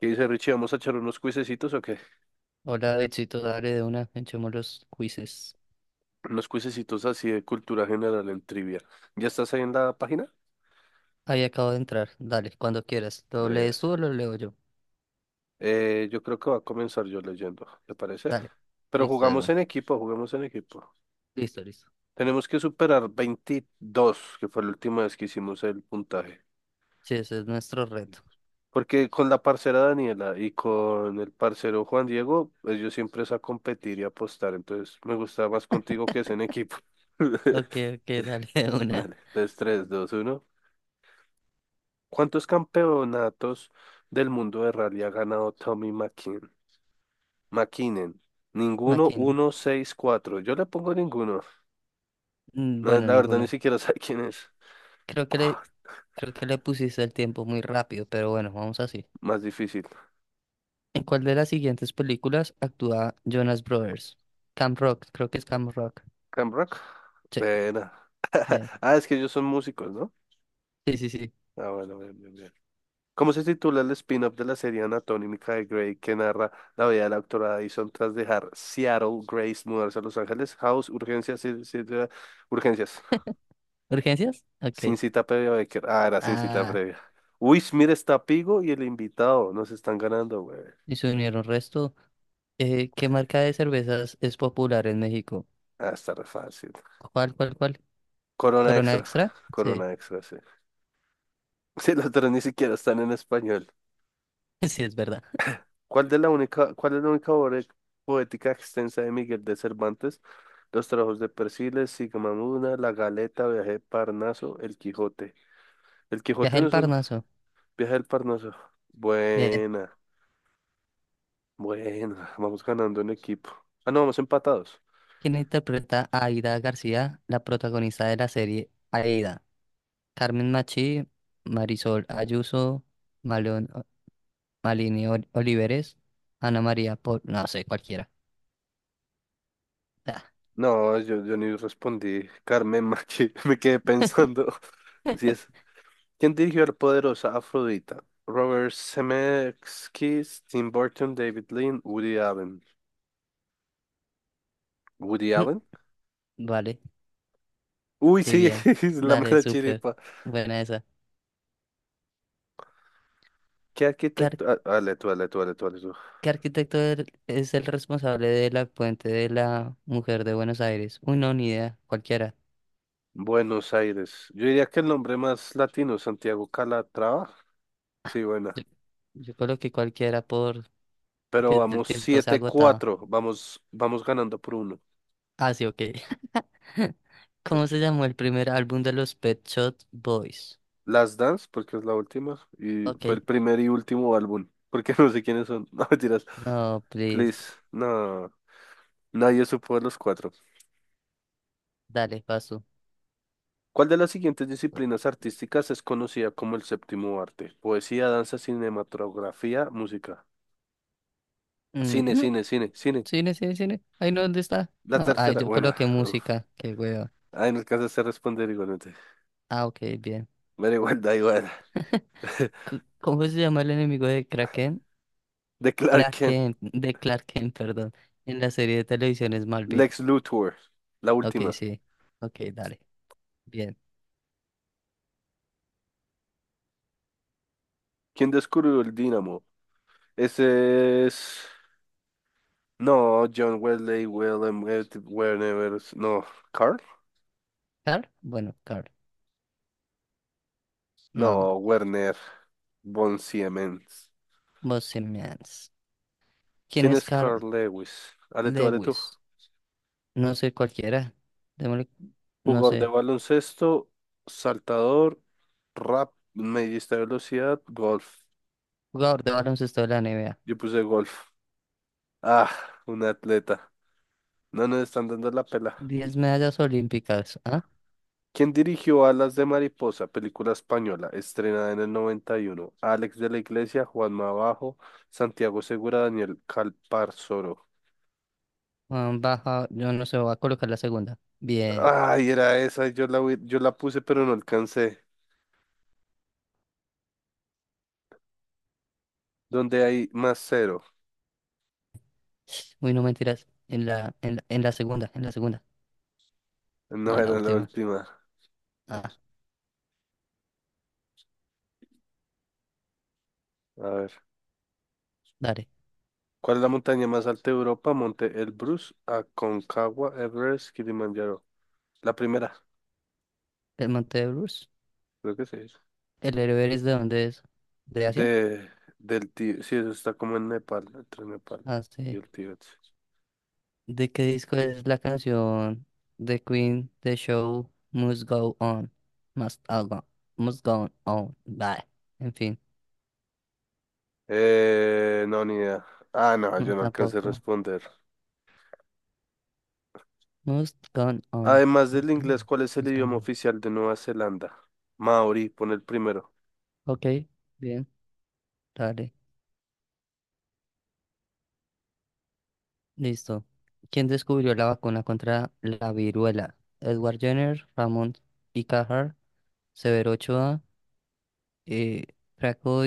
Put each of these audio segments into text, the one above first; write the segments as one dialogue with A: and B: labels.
A: ¿Qué dice Richie? ¿Vamos a echar unos cuisecitos o qué?
B: Hola, Betsito, dale de una, echemos los quizzes.
A: Unos cuisecitos así de cultura general en trivia. ¿Ya estás ahí en la página?
B: Ahí acabo de entrar, dale, cuando quieras. ¿Lo
A: Breve.
B: lees tú o lo leo yo?
A: Yo creo que va a comenzar yo leyendo, ¿te parece?
B: Dale,
A: Pero
B: listo de
A: jugamos
B: una.
A: en equipo, jugamos en equipo.
B: Listo, listo.
A: Tenemos que superar 22, que fue la última vez que hicimos el puntaje.
B: Sí, ese es nuestro reto.
A: Porque con la parcera Daniela y con el parcero Juan Diego, ellos siempre es a competir y apostar. Entonces me gusta más contigo que es en equipo.
B: Ok, ok, dale de una.
A: Dale, 3, tres dos uno. ¿Cuántos campeonatos del mundo de rally ha ganado Tommy McKinnon? Ninguno,
B: Máquina.
A: uno, seis, cuatro. Yo le pongo ninguno. No,
B: Bueno,
A: la verdad ni
B: ninguno.
A: siquiera sé quién es.
B: Creo que
A: Ua,
B: le, creo que le pusiste el tiempo muy rápido, pero bueno, vamos así.
A: más difícil.
B: ¿En cuál de las siguientes películas actúa Jonas Brothers? Camp Rock, creo que es Camp Rock.
A: Cam Rock.
B: Sí,
A: Verá.
B: bien.
A: Ah, es que ellos son músicos, ¿no?
B: Sí, sí, sí.
A: Ah, bueno, bien, bien, bien. ¿Cómo se titula el spin-off de la serie anatómica de Grey que narra la vida de la doctora Addison tras dejar Seattle, Grace, mudarse a Los Ángeles, House, Urgencias, sí, sí, sí, Urgencias.
B: ¿Urgencias?
A: Sin
B: Ok.
A: cita previa, Becker. Ah, era sin cita
B: Ah,
A: previa. Uy, mira, está Pigo y el invitado. Nos están ganando, güey.
B: y se unieron resto. ¿Qué marca de cervezas es popular en México?
A: Ah, está re fácil.
B: ¿Cuál, cuál, cuál?
A: Corona
B: ¿Corona
A: extra.
B: Extra? Sí,
A: Corona extra, sí. Sí, los tres ni siquiera están en español.
B: sí, es verdad.
A: ¿Cuál de la única, cuál es la única obra poética extensa de Miguel de Cervantes? Los trabajos de Persiles, Sigismunda, La Galeta, Viaje de Parnaso, El Quijote. El
B: Viaje
A: Quijote no
B: al
A: es uno.
B: Parnaso.
A: Viaje del Parnaso.
B: Bien.
A: Buena, buena. Vamos ganando en equipo. Ah, no, vamos empatados.
B: ¿Quién interpreta a Aida García, la protagonista de la serie Aida? Carmen Machi, Marisol Ayuso, Malón, Oliveres, Ana María Pol, no sé, cualquiera. Ah.
A: No, yo ni respondí. Carmen Machi, me quedé pensando. Si es, ¿quién dirigió La poderosa Afrodita? Robert Zemeckis, Tim Burton, David Lean, Woody Allen. ¿Woody Allen?
B: Vale,
A: Uy,
B: sí,
A: sí,
B: bien.
A: es la
B: Dale,
A: mera
B: súper.
A: chiripa.
B: Buena esa.
A: ¿Qué
B: ¿Qué
A: arquitecto? Ah, dale tú, dale tú, dale tú, dale tú.
B: ¿Qué arquitecto es el responsable de la puente de la Mujer de Buenos Aires? Uy, no, ni idea, cualquiera.
A: Buenos Aires. Yo diría que el nombre más latino, Santiago Calatrava. Sí, buena.
B: Yo, yo coloqué cualquiera porque
A: Pero
B: el
A: vamos
B: tiempo se ha
A: siete
B: agotado.
A: cuatro. Vamos, vamos ganando por uno.
B: Ah, sí, ok. ¿Cómo se llamó el primer álbum de los Pet Shop Boys?
A: Last Dance, porque es la última, y
B: Ok,
A: fue el primer y último álbum, porque no sé quiénes son. No, mentiras.
B: no, please.
A: Please, no, nadie supo de los cuatro.
B: Dale, paso.
A: ¿Cuál de las siguientes disciplinas artísticas es conocida como el séptimo arte? Poesía, danza, cinematografía, música.
B: Mm,
A: Cine,
B: mm,
A: cine, cine, cine.
B: Cine, cine, cine. Ay, no, ¿dónde está?
A: La
B: No, ay,
A: tercera,
B: yo
A: bueno,
B: coloqué
A: uf.
B: música. Qué hueva.
A: Ay, no alcanzaste a responder igualmente.
B: Ah, ok, bien.
A: Me igual, da igual.
B: ¿Cómo se llama el enemigo de Kraken?
A: De Clark Kent,
B: De Clark Kent, perdón, en la serie de televisión Smallville.
A: Lex Luthor, la
B: Ok,
A: última.
B: sí. Ok, dale. Bien.
A: ¿Quién descubrió el dínamo? Ese es. No, John Wesley, Willem, Werner, no, Carl,
B: ¿Carl? Bueno, Carl. No,
A: no, Werner von Siemens.
B: Bohemians. ¿Quién
A: ¿Quién
B: es
A: es
B: Carl
A: Carl Lewis? Dale tú, dale tú.
B: Lewis? No sé, cualquiera. Démosle- No
A: Jugador de
B: sé.
A: baloncesto, saltador, rap, medista de velocidad, golf.
B: Jugador de baloncesto de la NBA.
A: Yo puse golf. Ah, un atleta. No nos están dando la pela.
B: 10 medallas olímpicas. ¿Ah?
A: ¿Quién dirigió Alas de Mariposa, película española, estrenada en el 91? Alex de la Iglesia, Juan Mabajo, Santiago Segura, Daniel Calparsoro.
B: Ah, Baja, yo no sé, voy a colocar la segunda. Bien.
A: Ay, era esa, yo la, yo la puse, pero no alcancé. ¿Dónde hay más cero?
B: Uy, no mentiras. En la segunda, en la segunda. No,
A: No
B: en la
A: era la
B: última.
A: última.
B: Ah,
A: A ver.
B: dale.
A: ¿Cuál es la montaña más alta de Europa? Monte Elbrus, Aconcagua, Everest, Kilimanjaro. La primera,
B: El Monte de Bruce.
A: creo que sí es.
B: ¿El héroe es de dónde es? ¿De Asia?
A: De, del Tíbet. Sí, eso está como en Nepal, entre Nepal
B: Ah,
A: y
B: sí.
A: el Tíbet.
B: ¿De qué disco es la canción The Queen, The Show Must Go On? Must, all go, must Go On. Bye. En fin,
A: No, ni idea. Ah, no,
B: no
A: yo no alcancé a
B: tampoco.
A: responder.
B: Must Go On.
A: Además del
B: Must Go
A: inglés,
B: On.
A: ¿cuál es el
B: Must Go
A: idioma
B: On.
A: oficial de Nueva Zelanda? Maori, pone el primero.
B: Ok, bien, dale, listo. ¿Quién descubrió la vacuna contra la viruela? Edward Jenner, Ramón y Cajal, Severo Ochoa, eh, Franco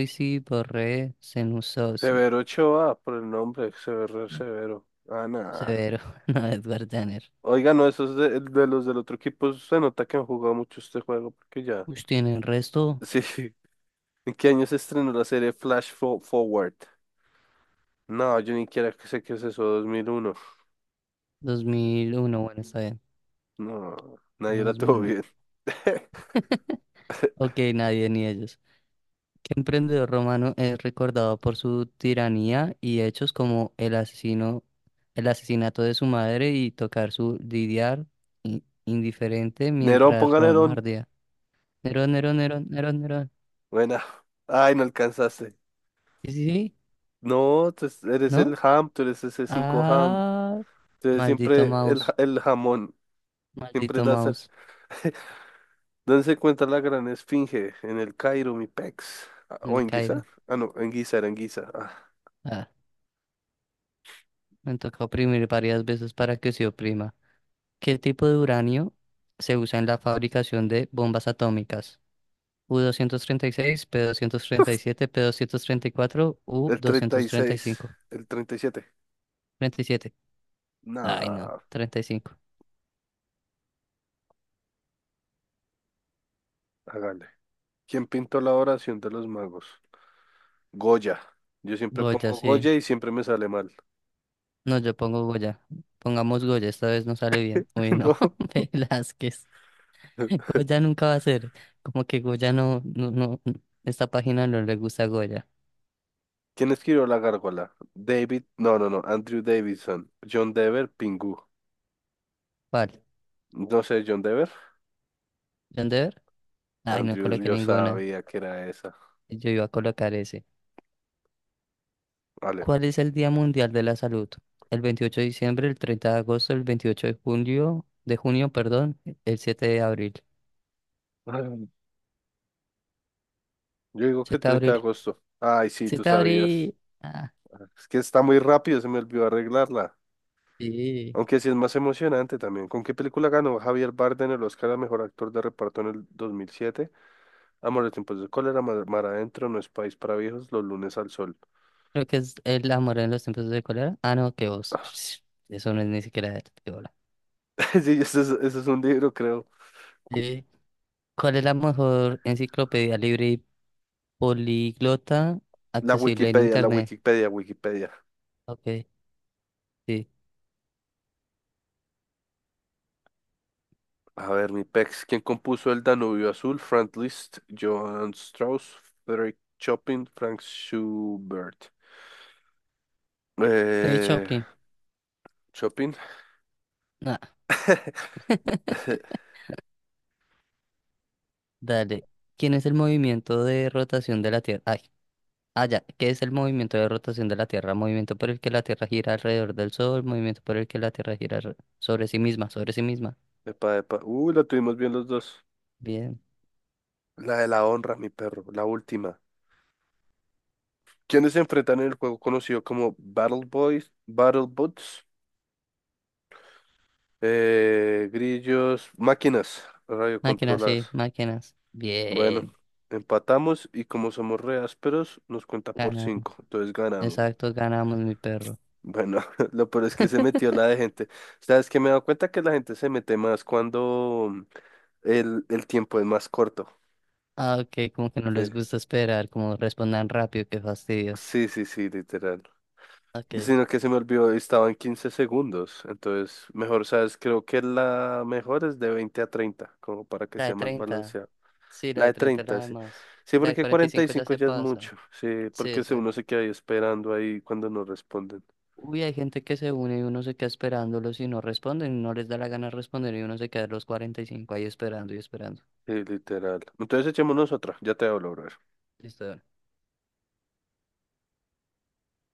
B: Borré, Senussi.
A: Severo Ochoa, por el nombre, Severo, Severo. Ah, nada.
B: Severo, no, Edward Jenner.
A: Oiga, no, esos de los del otro equipo se nota que han jugado mucho este juego, porque ya.
B: Uy, tiene el resto.
A: Sí. ¿En qué año se estrenó la serie Flash Forward? No, yo ni quiera que sé qué es eso, 2001.
B: 2001, bueno, está bien.
A: No, nadie
B: No,
A: la
B: dos mil
A: tuvo
B: nueve.
A: bien.
B: Ok, nadie ni ellos. ¿Qué emprendedor romano es recordado por su tiranía y hechos como el asesinato de su madre y tocar su lidiar indiferente
A: Nerón,
B: mientras
A: ponga
B: Roma
A: Nerón.
B: ardía? Nerón, Nerón, Nerón, Nerón, Nerón.
A: Buena. Ay, no alcanzaste.
B: Sí, sí, sí,
A: No, tú eres el
B: ¿no?
A: ham, tú eres ese 5 ham.
B: Ah,
A: Tú eres
B: maldito
A: siempre el,
B: mouse,
A: el jamón. Siempre
B: maldito
A: das.
B: mouse,
A: Dense cuenta la gran esfinge en el Cairo, mi pex. Ah, ¿o
B: el
A: en Guizar?
B: Cairo.
A: Ah, no, en Guizar, en Guizar. Ah,
B: Me toca oprimir varias veces para que se oprima. ¿Qué tipo de uranio se usa en la fabricación de bombas atómicas? U-236, P-237, P-234,
A: el 36,
B: U-235.
A: el 37.
B: 37. Ay, no,
A: Nah,
B: 35.
A: hágale. ¿Quién pintó la oración de los magos? Goya. Yo siempre
B: Goya,
A: pongo
B: sí.
A: Goya y siempre me sale mal.
B: No, yo pongo Goya. Pongamos Goya, esta vez no sale bien. Uy, no, Velázquez.
A: No.
B: Goya nunca va a ser. Como que Goya no, no, no, esta página no le gusta a Goya.
A: ¿Quién escribió la gárgola? David, no, no, no, Andrew Davidson. John Dever, Pingu.
B: ¿Cuál?
A: No sé, John Dever.
B: ¿John Deere? Ay, no
A: Andrew,
B: coloqué
A: yo
B: ninguna.
A: sabía que era esa.
B: Yo iba a colocar ese.
A: Vale.
B: ¿Cuál es el Día Mundial de la Salud? El 28 de diciembre, el 30 de agosto, el 28 de junio, perdón, el 7 de abril.
A: Ay, yo digo que
B: 7 de
A: 30 de
B: abril.
A: agosto. Ay, sí, tú
B: 7 de
A: sabías.
B: abril. Ah,
A: Es que está muy rápido, se me olvidó arreglarla.
B: sí.
A: Aunque sí es más emocionante también. ¿Con qué película ganó Javier Bardem el Oscar a Mejor Actor de Reparto en el 2007? Amor de tiempos de cólera, Mar, Mar adentro, No es país para viejos, Los lunes al sol.
B: Creo que es el amor en los tiempos de cólera. Ah, no, que vos. Eso no es ni siquiera de bola.
A: Sí, eso es un libro, creo. Cu-
B: Sí. ¿Cuál es la mejor enciclopedia libre y políglota accesible en
A: La
B: internet?
A: Wikipedia, Wikipedia.
B: Ok, sí.
A: A ver, mi pex. ¿Quién compuso El Danubio Azul? Franz Liszt, Johann Strauss, Frédéric Chopin, Frank Schubert.
B: Ray
A: Eh,
B: Choplin.
A: Chopin.
B: Ah. Dale. ¿Quién es el movimiento de rotación de la Tierra? Ay, ah, ya. ¿Qué es el movimiento de rotación de la Tierra? Movimiento por el que la Tierra gira alrededor del Sol, movimiento por el que la Tierra sobre sí misma, sobre sí misma.
A: Epa, epa. Uy, la tuvimos bien los dos.
B: Bien.
A: La de la honra, mi perro, la última. ¿Quiénes se enfrentan en el juego conocido como Battle Boys, Battle Bots, grillos, máquinas
B: Máquinas, sí,
A: radiocontroladas?
B: máquinas.
A: Bueno,
B: Bien.
A: empatamos y como somos re ásperos, nos cuenta por
B: Ganamos.
A: cinco, entonces ganamos.
B: Exacto, ganamos, mi perro.
A: Bueno, lo peor es que se metió la de gente. ¿Sabes que me he dado cuenta que la gente se mete más cuando el tiempo es más corto.
B: Ah, ok, como que no
A: Sí,
B: les gusta esperar, como respondan rápido, qué fastidio.
A: sí, sí, sí, literal.
B: Ok.
A: Sino que se me olvidó, estaba en 15 segundos. Entonces, mejor, ¿sabes? Creo que la mejor es de 20 a 30 como para que
B: La
A: sea
B: de
A: más
B: 30,
A: balanceado.
B: sí, la
A: La
B: de
A: de
B: 30 es la
A: 30
B: de
A: sí.
B: más.
A: Sí,
B: La de
A: porque
B: cuarenta y
A: cuarenta y
B: cinco ya
A: cinco
B: se
A: ya es
B: pasa.
A: mucho. Sí,
B: Sí,
A: porque uno
B: exacto.
A: se queda ahí esperando ahí cuando no responden.
B: Uy, hay gente que se une y uno se queda esperándolos y no responden, no les da la gana de responder y uno se queda a los 45 ahí esperando y esperando.
A: Sí, literal. Entonces, echémonos otra. Ya te hablo, bro.
B: Listo,